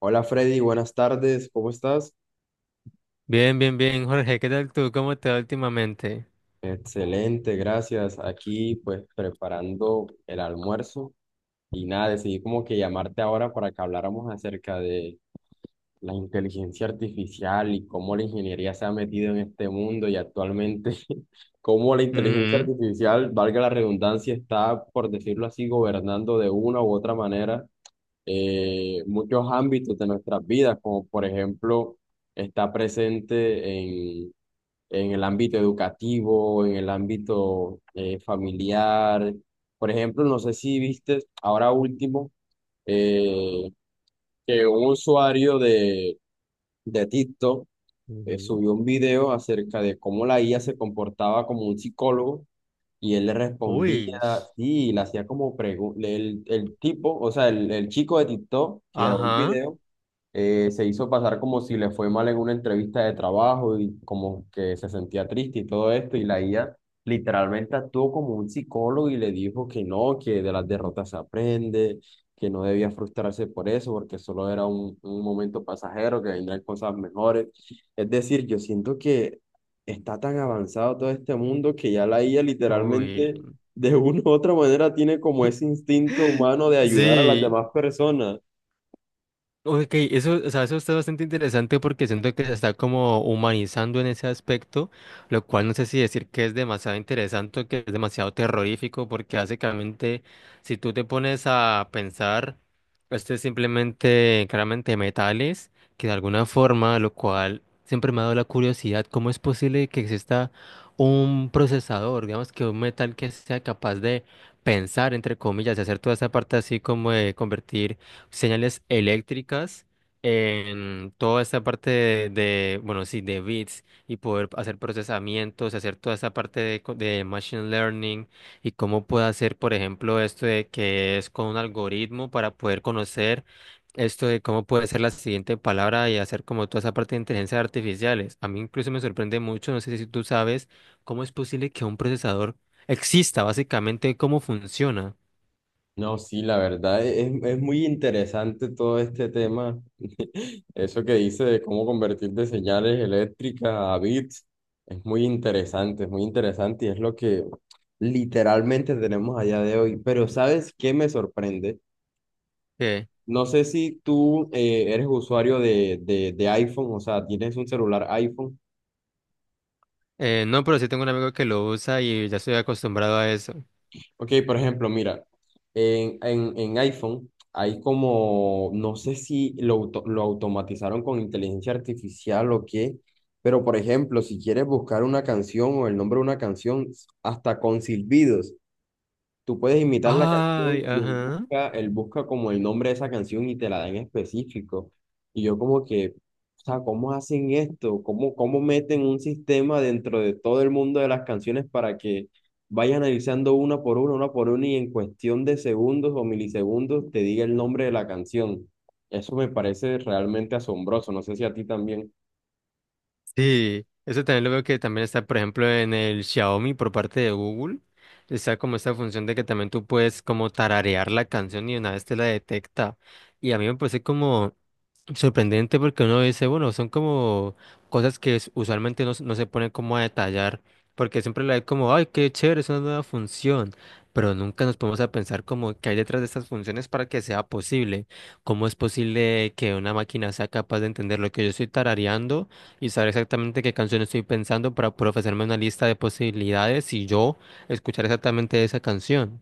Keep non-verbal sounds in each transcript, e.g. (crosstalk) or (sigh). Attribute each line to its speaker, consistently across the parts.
Speaker 1: Hola Freddy, buenas tardes, ¿cómo estás?
Speaker 2: Bien, bien, bien, Jorge, ¿qué tal tú? ¿Cómo te va últimamente?
Speaker 1: Excelente, gracias. Aquí pues preparando el almuerzo y nada, decidí como que llamarte ahora para que habláramos acerca de la inteligencia artificial y cómo la ingeniería se ha metido en este mundo y actualmente (laughs) cómo la inteligencia
Speaker 2: Ujú.
Speaker 1: artificial, valga la redundancia, está, por decirlo así, gobernando de una u otra manera, muchos ámbitos de nuestras vidas, como por ejemplo está presente en el ámbito educativo, en el ámbito familiar. Por ejemplo, no sé si viste ahora último eh, que un usuario de TikTok
Speaker 2: Ujú.
Speaker 1: subió un video acerca de cómo la IA se comportaba como un psicólogo y él le respondía,
Speaker 2: Uy.
Speaker 1: sí, y le hacía como preguntas, el tipo, o sea, el chico de TikTok que grabó el
Speaker 2: Ajá.
Speaker 1: video, se hizo pasar como si le fue mal en una entrevista de trabajo y como que se sentía triste y todo esto, y la IA literalmente actuó como un psicólogo y le dijo que no, que de las derrotas se aprende, que no debía frustrarse por eso, porque solo era un momento pasajero, que vendrán cosas mejores. Es decir, yo siento que está tan avanzado todo este mundo que ya la IA
Speaker 2: Uy.
Speaker 1: literalmente... De una u otra manera tiene como ese
Speaker 2: (laughs)
Speaker 1: instinto humano de ayudar a las
Speaker 2: Sí.
Speaker 1: demás personas.
Speaker 2: Ok, eso, o sea, eso está bastante interesante porque siento que se está como humanizando en ese aspecto, lo cual no sé si decir que es demasiado interesante o que es demasiado terrorífico, porque básicamente si tú te pones a pensar, esto es simplemente claramente metales, que de alguna forma, lo cual siempre me ha dado la curiosidad, ¿cómo es posible que exista un procesador, digamos que un metal que sea capaz de pensar, entre comillas, de hacer toda esa parte así como de convertir señales eléctricas en toda esta parte bueno, sí, de bits y poder hacer procesamientos, hacer toda esta parte de, de machine learning y cómo puede hacer, por ejemplo, esto de que es con un algoritmo para poder conocer esto de cómo puede ser la siguiente palabra y hacer como toda esa parte de inteligencias artificiales. A mí incluso me sorprende mucho, no sé si tú sabes cómo es posible que un procesador exista, básicamente cómo funciona.
Speaker 1: No, sí, la verdad es muy interesante todo este tema. (laughs) Eso que dice de cómo convertir de señales eléctricas a bits es muy interesante y es lo que literalmente tenemos allá de hoy. Pero ¿sabes qué me sorprende? No sé si tú eres usuario de iPhone, o sea, tienes un celular iPhone.
Speaker 2: No, pero sí tengo un amigo que lo usa y ya estoy acostumbrado a eso.
Speaker 1: Ok, por ejemplo, mira, en iPhone hay como, no sé si lo, lo automatizaron con inteligencia artificial o qué, pero por ejemplo, si quieres buscar una canción o el nombre de una canción, hasta con silbidos. Tú puedes imitar la canción
Speaker 2: Ay,
Speaker 1: y
Speaker 2: ajá.
Speaker 1: él busca como el nombre de esa canción y te la da en específico. Y yo como que, o sea, ¿cómo hacen esto? ¿Cómo, cómo meten un sistema dentro de todo el mundo de las canciones para que vayas analizando una por una y en cuestión de segundos o milisegundos te diga el nombre de la canción? Eso me parece realmente asombroso. No sé si a ti también.
Speaker 2: Sí, eso también lo veo que también está, por ejemplo, en el Xiaomi por parte de Google. Está como esta función de que también tú puedes como tararear la canción y una vez te la detecta. Y a mí me parece como sorprendente, porque uno dice, bueno, son como cosas que usualmente se no se ponen como a detallar, porque siempre la hay como, ay, qué chévere, es una nueva función, pero nunca nos ponemos a pensar como qué hay detrás de estas funciones para que sea posible, cómo es posible que una máquina sea capaz de entender lo que yo estoy tarareando y saber exactamente qué canción estoy pensando para poder ofrecerme una lista de posibilidades y yo escuchar exactamente esa canción.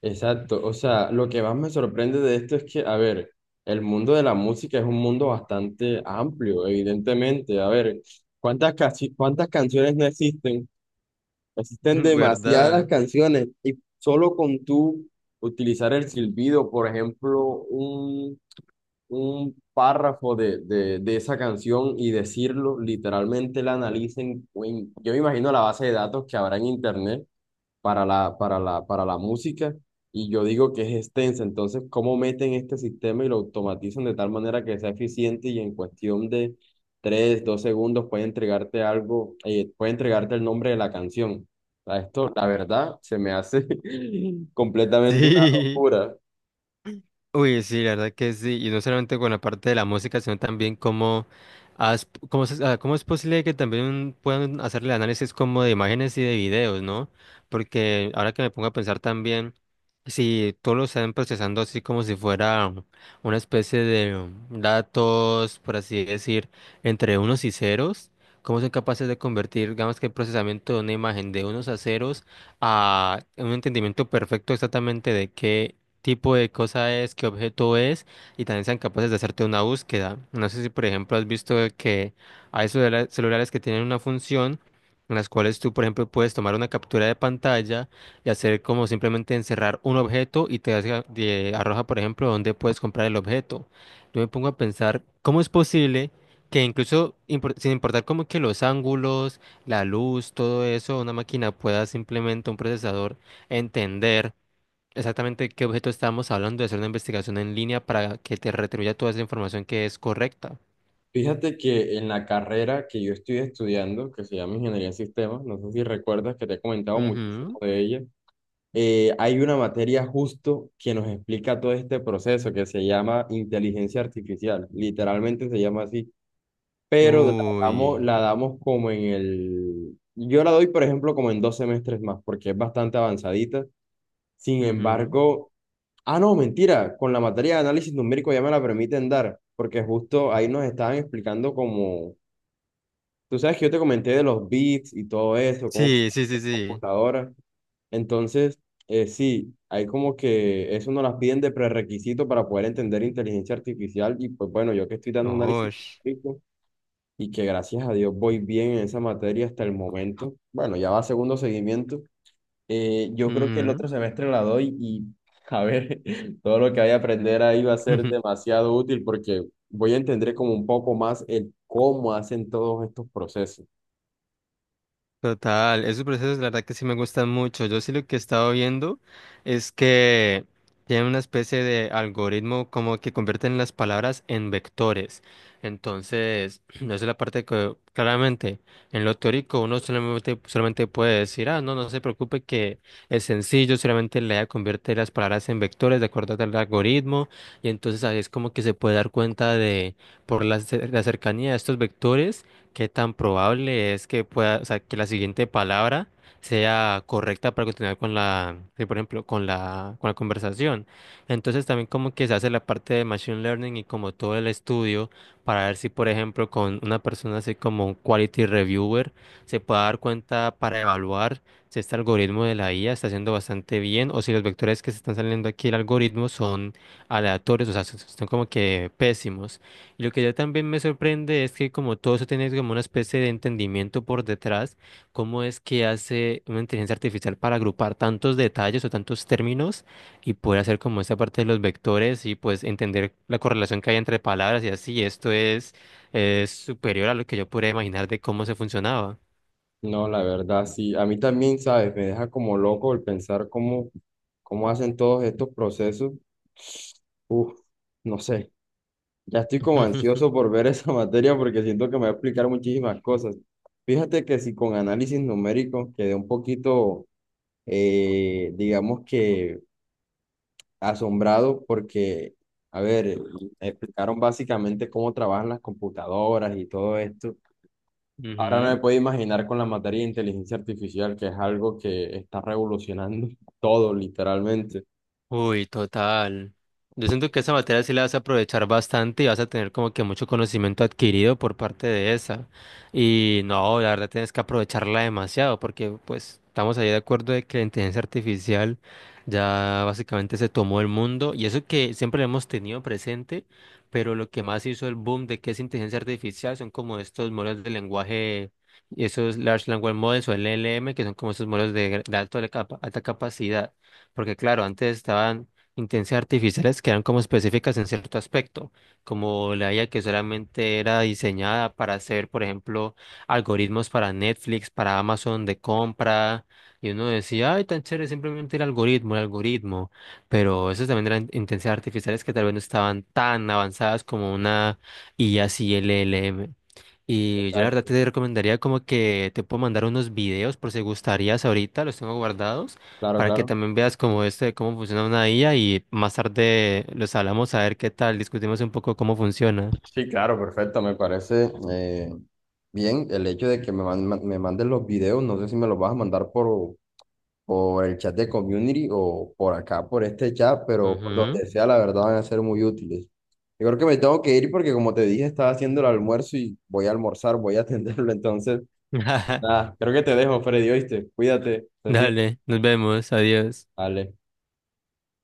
Speaker 1: Exacto, o sea, lo que más me sorprende de esto es que, a ver, el mundo de la música es un mundo bastante amplio, evidentemente. A ver, ¿ cuántas canciones no existen? Existen
Speaker 2: (laughs)
Speaker 1: demasiadas
Speaker 2: ¿Verdad?
Speaker 1: canciones y solo con tú utilizar el silbido, por ejemplo, un, un párrafo de esa canción y decirlo, literalmente la analicen. Yo me imagino la base de datos que habrá en internet para la música y yo digo que es extensa. Entonces, ¿cómo meten este sistema y lo automatizan de tal manera que sea eficiente y en cuestión de 3 2 segundos puede entregarte algo, puede entregarte el nombre de la canción? O sea, esto, la verdad, se me hace (laughs) completamente una
Speaker 2: Sí.
Speaker 1: locura.
Speaker 2: Uy, sí, la verdad que sí, y no solamente con la parte de la música, sino también cómo, has- cómo, se- ah, cómo es posible que también puedan hacerle análisis como de imágenes y de videos, ¿no? Porque ahora que me pongo a pensar también, si todo lo están procesando así como si fuera una especie de datos, por así decir, entre unos y ceros, ¿cómo son capaces de convertir, digamos que el procesamiento de una imagen de unos a ceros a un entendimiento perfecto exactamente de qué tipo de cosa es, qué objeto es, y también sean capaces de hacerte una búsqueda? No sé si, por ejemplo, has visto que hay celulares que tienen una función en las cuales tú, por ejemplo, puedes tomar una captura de pantalla y hacer como simplemente encerrar un objeto y te arroja, por ejemplo, dónde puedes comprar el objeto. Yo me pongo a pensar, ¿cómo es posible que incluso sin importar como que los ángulos, la luz, todo eso, una máquina pueda simplemente, un procesador, entender exactamente qué objeto estábamos hablando, de hacer una investigación en línea para que te retribuya toda esa información que es correcta?
Speaker 1: Fíjate que en la carrera que yo estoy estudiando, que se llama Ingeniería en Sistemas, no sé si recuerdas que te he comentado muchísimo
Speaker 2: Ujú.
Speaker 1: de ella, hay una materia justo que nos explica todo este proceso que se llama inteligencia artificial, literalmente se llama así, pero
Speaker 2: Uy.
Speaker 1: la damos como en el... Yo la doy, por ejemplo, como en dos semestres más, porque es bastante avanzadita. Sin
Speaker 2: Ujú.
Speaker 1: embargo, ah, no, mentira, con la materia de análisis numérico ya me la permiten dar, porque justo ahí nos estaban explicando como, tú sabes que yo te comenté de los bits y todo eso, cómo
Speaker 2: Sí, sí, sí, sí.
Speaker 1: computadora. Entonces, sí, hay como que eso nos las piden de prerequisito para poder entender inteligencia artificial y pues bueno, yo que estoy dando
Speaker 2: Oh.
Speaker 1: análisis científico y que gracias a Dios voy bien en esa materia hasta el momento, bueno, ya va segundo seguimiento, yo creo que el otro
Speaker 2: (laughs)
Speaker 1: semestre la doy y a ver, (laughs) todo lo que vaya a aprender ahí va a ser demasiado útil porque voy a entender como un poco más el cómo hacen todos estos procesos.
Speaker 2: Total, esos procesos la verdad que sí me gustan mucho. Yo sí lo que he estado viendo es que tienen una especie de algoritmo como que convierten las palabras en vectores. Entonces, (clears throat) esa es la parte que claramente en lo teórico uno solamente puede decir, ah, no, se preocupe que es sencillo, solamente le convierte las palabras en vectores de acuerdo al algoritmo. Y entonces ahí es como que se puede dar cuenta de, la cercanía de estos vectores. ¿Qué tan probable es que pueda, o sea, que la siguiente palabra sea correcta para continuar con sí, por ejemplo, con con la conversación? Entonces también como que se hace la parte de machine learning y como todo el estudio para ver si, por ejemplo, con una persona así como un quality reviewer se puede dar cuenta para evaluar si este algoritmo de la IA está haciendo bastante bien o si los vectores que se están saliendo aquí del algoritmo son aleatorios, o sea, son como que pésimos. Lo que ya también me sorprende es que como todo eso tiene como una especie de entendimiento por detrás, cómo es que hace una inteligencia artificial para agrupar tantos detalles o tantos términos y poder hacer como esa parte de los vectores y pues entender la correlación que hay entre palabras y así. Es superior a lo que yo podría imaginar de cómo se funcionaba.
Speaker 1: No, la verdad, sí. A mí también, ¿sabes? Me deja como loco el pensar cómo, cómo hacen todos estos procesos. Uf, no sé. Ya estoy como ansioso
Speaker 2: (laughs)
Speaker 1: por ver esa (laughs) materia porque siento que me va a explicar muchísimas cosas. Fíjate que si con análisis numérico quedé un poquito, digamos que asombrado porque, a ver, explicaron básicamente cómo trabajan las computadoras y todo esto. Ahora no me
Speaker 2: Ujú.
Speaker 1: puedo imaginar con la materia de inteligencia artificial, que es algo que está revolucionando (laughs) todo, literalmente.
Speaker 2: Uy, total. Yo siento que esa materia sí la vas a aprovechar bastante y vas a tener como que mucho conocimiento adquirido por parte de esa. Y no, la verdad tienes que aprovecharla demasiado, porque pues estamos ahí de acuerdo de que la inteligencia artificial ya básicamente se tomó el mundo, y eso que siempre lo hemos tenido presente, pero lo que más hizo el boom de qué es inteligencia artificial son como estos modelos de lenguaje, esos Large Language Models o LLM, que son como esos modelos de, alta capacidad. Porque claro, antes estaban inteligencias artificiales que eran como específicas en cierto aspecto, como la IA que solamente era diseñada para hacer, por ejemplo, algoritmos para Netflix, para Amazon de compra, y uno decía, ay, tan chévere, simplemente el algoritmo, pero esas también eran inteligencias artificiales que tal vez no estaban tan avanzadas como una IA CLLM. Y yo la verdad
Speaker 1: Exacto.
Speaker 2: te recomendaría como que te puedo mandar unos videos por si gustarías ahorita, los tengo guardados
Speaker 1: Claro,
Speaker 2: para que
Speaker 1: claro.
Speaker 2: también veas cómo este, cómo funciona una IA, y más tarde los hablamos a ver qué tal, discutimos un poco cómo funciona.
Speaker 1: Sí, claro, perfecto. Me parece bien el hecho de que me manden los videos. No sé si me los vas a mandar por el chat de community o por acá, por este chat, pero por
Speaker 2: Ujú.
Speaker 1: donde sea, la verdad van a ser muy útiles. Yo creo que me tengo que ir porque, como te dije, estaba haciendo el almuerzo y voy a almorzar, voy a (laughs) atenderlo. Entonces,
Speaker 2: (laughs)
Speaker 1: nada, creo que te dejo, Freddy, ¿oíste? Cuídate, estés bien.
Speaker 2: Dale, nos vemos, adiós.
Speaker 1: Vale.